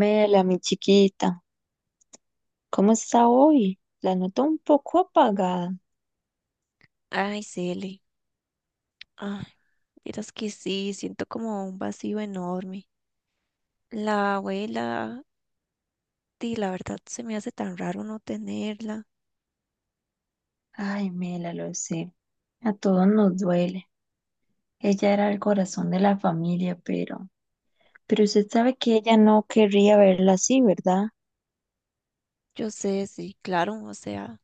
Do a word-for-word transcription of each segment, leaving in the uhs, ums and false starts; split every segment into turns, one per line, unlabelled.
Mela, mi chiquita, ¿cómo está hoy? La noto un poco apagada.
Ay, Cele. Ay, miras que sí, siento como un vacío enorme. La abuela, di, la verdad se me hace tan raro no tenerla.
Ay, Mela, lo sé. A todos nos duele. Ella era el corazón de la familia, pero, pero usted sabe que ella no querría verla así, ¿verdad?
Yo sé, sí, claro, o sea,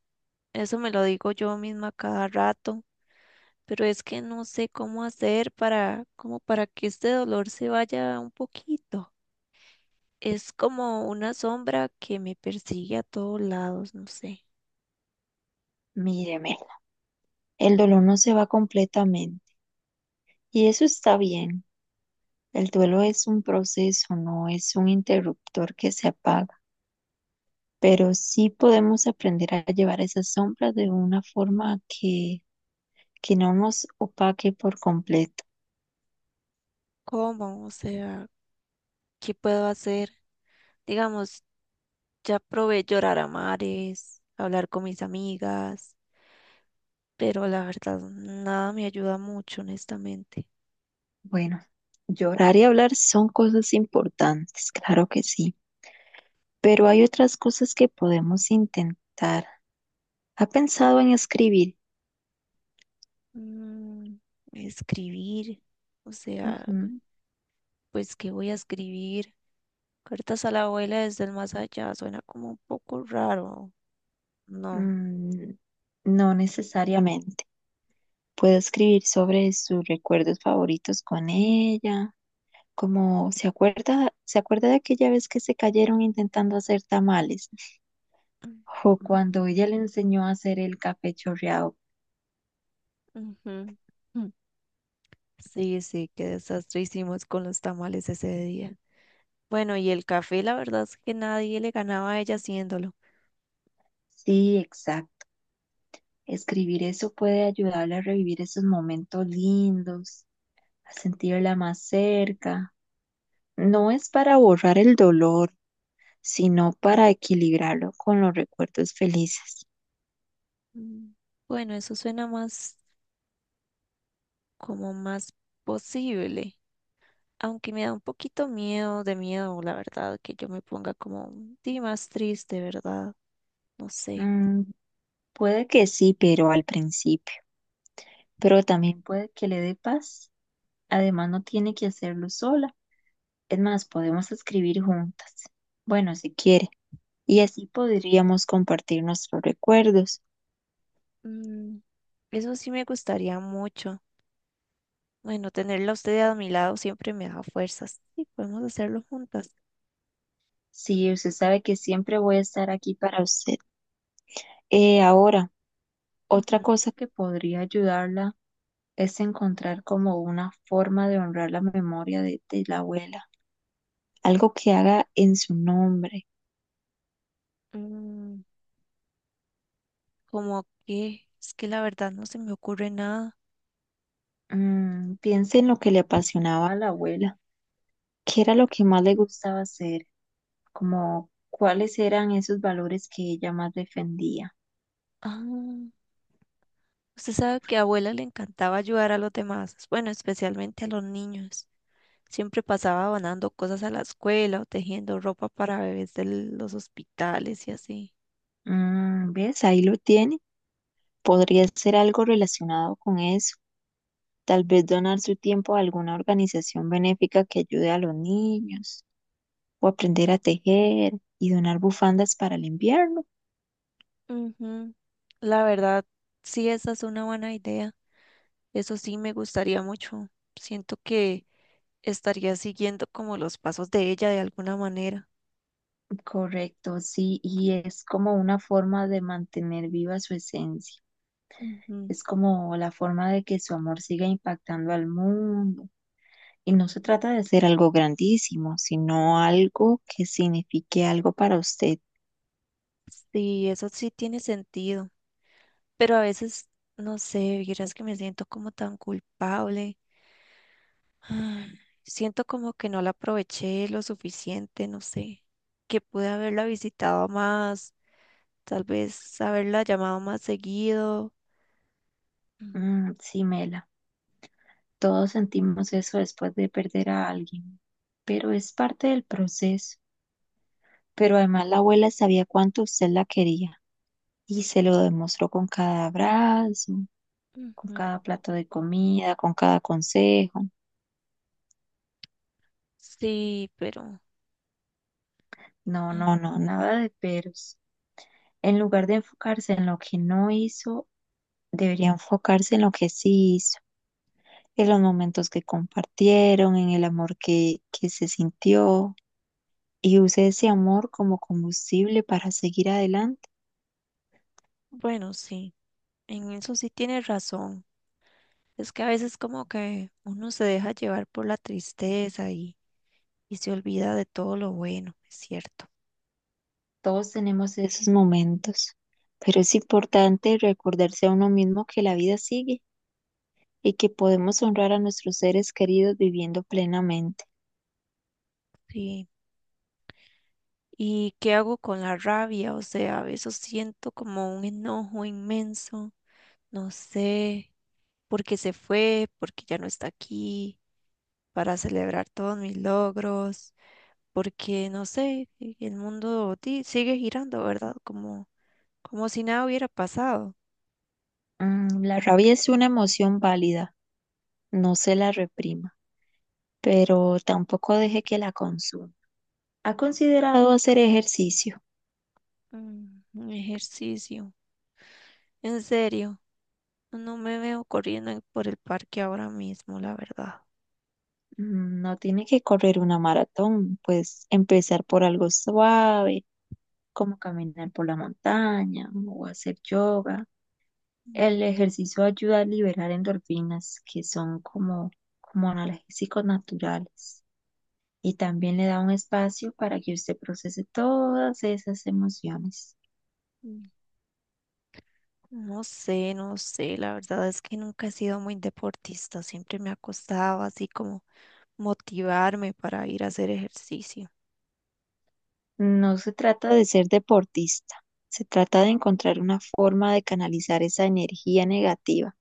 eso me lo digo yo misma cada rato, pero es que no sé cómo hacer para, como para que este dolor se vaya un poquito. Es como una sombra que me persigue a todos lados, no sé.
Mire, Mela, el dolor no se va completamente. Y eso está bien. El duelo es un proceso, no es un interruptor que se apaga. Pero sí podemos aprender a llevar esas sombras de una forma que que no nos opaque por completo.
¿Cómo? O sea, ¿qué puedo hacer? Digamos, ya probé llorar a mares, hablar con mis amigas, pero la verdad nada me ayuda mucho, honestamente.
Bueno, llorar y hablar son cosas importantes, claro que sí, pero hay otras cosas que podemos intentar. ¿Ha pensado en escribir?
Mm, escribir, o sea,
Ujú,
pues ¿qué voy a escribir? Cartas a la abuela desde el más allá, suena como un poco raro, ¿no?
mm, no necesariamente. Puedo escribir sobre sus recuerdos favoritos con ella, como se acuerda, se acuerda de aquella vez que se cayeron intentando hacer tamales, o cuando ella le enseñó a hacer el café chorreado.
Ujú. Mm. Sí, sí, qué desastre hicimos con los tamales ese día. Bueno, y el café, la verdad es que nadie le ganaba a ella haciéndolo.
Sí, exacto. Escribir eso puede ayudarle a revivir esos momentos lindos, a sentirla más cerca. No es para borrar el dolor, sino para equilibrarlo con los recuerdos felices.
Mm. Bueno, eso suena más como más posible, aunque me da un poquito miedo, de miedo, la verdad, que yo me ponga como sí, más triste, ¿verdad? No sé.
Mm, puede que sí, pero al principio. Pero también puede que le dé paz. Además, no tiene que hacerlo sola. Es más, podemos escribir juntas. Bueno, si quiere. Y así podríamos compartir nuestros recuerdos.
Mm, eso sí me gustaría mucho. Bueno, tenerla a usted a mi lado siempre me da fuerzas. Sí, podemos hacerlo juntas.
Sí, usted sabe que siempre voy a estar aquí para usted. Eh, ahora,
Ujú.
otra cosa que podría ayudarla es encontrar como una forma de honrar la memoria de, de la abuela, algo que haga en su nombre.
Mm, ¿como qué? Es que la verdad no se me ocurre nada.
Mm, piense en lo que le apasionaba a la abuela, qué era lo que más le gustaba hacer, como cuáles eran esos valores que ella más defendía.
Ah, usted sabe que a abuela le encantaba ayudar a los demás, bueno, especialmente a los niños. Siempre pasaba donando cosas a la escuela o tejiendo ropa para bebés de los hospitales y así.
Mm, ¿ves? Ahí lo tiene. Podría ser algo relacionado con eso. Tal vez donar su tiempo a alguna organización benéfica que ayude a los niños, o aprender a tejer y donar bufandas para el invierno.
Ujú. La verdad, sí, esa es una buena idea. Eso sí me gustaría mucho. Siento que estaría siguiendo como los pasos de ella de alguna manera.
Correcto, sí, y es como una forma de mantener viva su esencia.
Ujú.
Es como la forma de que su amor siga impactando al mundo. Y no se trata de hacer algo grandísimo, sino algo que signifique algo para usted.
Sí, eso sí tiene sentido. Pero a veces, no sé, vieras que me siento como tan culpable. Ay, siento como que no la aproveché lo suficiente, no sé, que pude haberla visitado más, tal vez haberla llamado más seguido. Mm,
Mm, sí, Mela, todos sentimos eso después de perder a alguien, pero es parte del proceso. Pero además la abuela sabía cuánto usted la quería. Y se lo demostró con cada abrazo, con
ujú.
cada plato de comida, con cada consejo.
Sí, pero
No,
ah,
no, no, nada de peros. En lugar de enfocarse en lo que no hizo, debería enfocarse en lo que sí hizo, en los momentos que compartieron, en el amor que, que se sintió, y use ese amor como combustible para seguir adelante.
bueno, sí, en eso sí tienes razón. Es que a veces como que uno se deja llevar por la tristeza y, y se olvida de todo lo bueno, es cierto.
Todos tenemos esos momentos, pero es importante recordarse a uno mismo que la vida sigue y que podemos honrar a nuestros seres queridos viviendo plenamente.
Sí. ¿Y qué hago con la rabia? O sea, a veces siento como un enojo inmenso, no sé. Porque se fue, porque ya no está aquí, para celebrar todos mis logros, porque no sé, y el mundo di- sigue girando, ¿verdad? Como, como si nada hubiera pasado.
Mm, la Mm, rabia es una emoción válida, no se la reprima, pero tampoco deje que la consuma. ¿Ha considerado hacer ejercicio?
Mm, un ejercicio, en serio, no me veo corriendo en- por el parque ahora mismo, la verdad.
Mm, no tiene que correr una maratón, pues empezar por algo suave, como caminar por la montaña o hacer yoga.
Mm,
El ejercicio ayuda a liberar endorfinas, que son como, como analgésicos naturales, y también le da un espacio para que usted procese todas esas emociones.
mm, no sé, no sé, la verdad es que nunca he sido muy deportista, siempre me acostaba así como motivarme para ir a hacer ejercicio.
No se trata de ser deportista, se trata de encontrar una forma de canalizar esa energía negativa.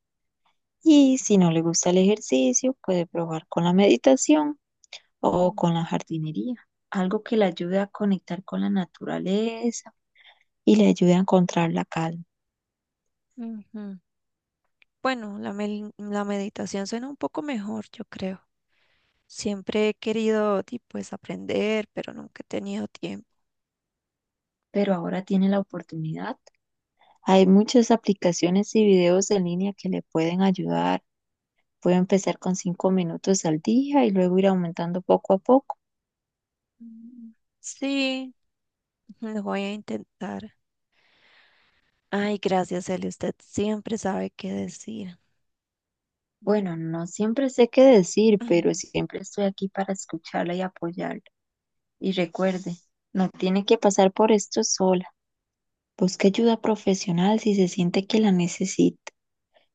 Y si no le gusta el ejercicio, puede probar con la meditación o
Mm,
con la jardinería, algo que le ayude a conectar con la naturaleza y le ayude a encontrar la calma.
ujú. Bueno, la, mel- la meditación suena un poco mejor, yo creo. Siempre he querido, di, pues, aprender, pero nunca he tenido tiempo.
Pero ahora tiene la oportunidad. Hay muchas aplicaciones y videos en línea que le pueden ayudar. Puedo empezar con cinco minutos al día y luego ir aumentando poco a poco.
Mm, sí, lo voy a intentar. Ay, gracias, Eli. Usted siempre sabe qué decir.
Bueno, no siempre sé qué decir, pero
Mm,
siempre estoy aquí para escucharla y apoyarla. Y recuerde, no tiene que pasar por esto sola. Busque ayuda profesional si se siente que la necesita.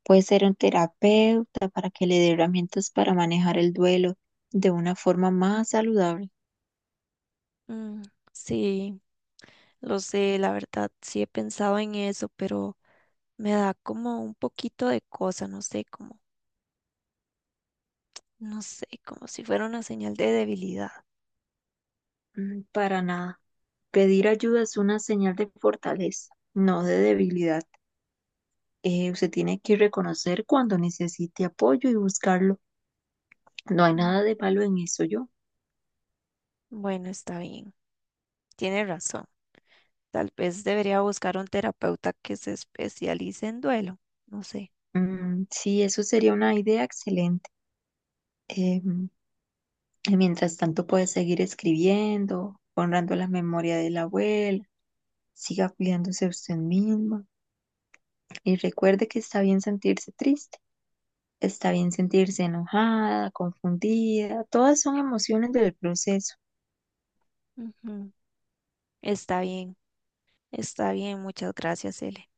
Puede ser un terapeuta para que le dé herramientas para manejar el duelo de una forma más saludable.
mm, sí, lo sé, la verdad, sí he pensado en eso, pero me da como un poquito de cosa, no sé, como, no sé, como si fuera una señal de debilidad.
Mm, para nada. Pedir ayuda es una señal de fortaleza, no de debilidad. Eh, usted tiene que reconocer cuando necesite apoyo y buscarlo. No hay
Mm,
nada de malo en eso, yo.
bueno, está bien, tiene razón. Tal vez debería buscar un terapeuta que se especialice en duelo, no sé.
Mm, sí, eso sería una idea excelente. Eh, y mientras tanto, puede seguir escribiendo, honrando la memoria de la abuela. Siga cuidándose usted misma y recuerde que está bien sentirse triste, está bien sentirse enojada, confundida. Todas son emociones del proceso.
Ujú, está bien, está bien, muchas gracias, Ele.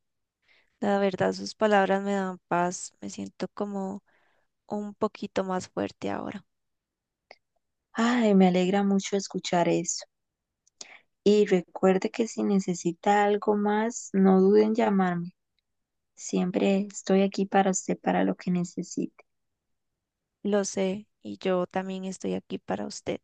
La verdad, sus palabras me dan paz, me siento como un poquito más fuerte ahora.
Ay, me alegra mucho escuchar eso. Y recuerde que si necesita algo más, no duden en llamarme. Siempre estoy aquí para usted, para lo que necesite.
Lo sé, y yo también estoy aquí para usted.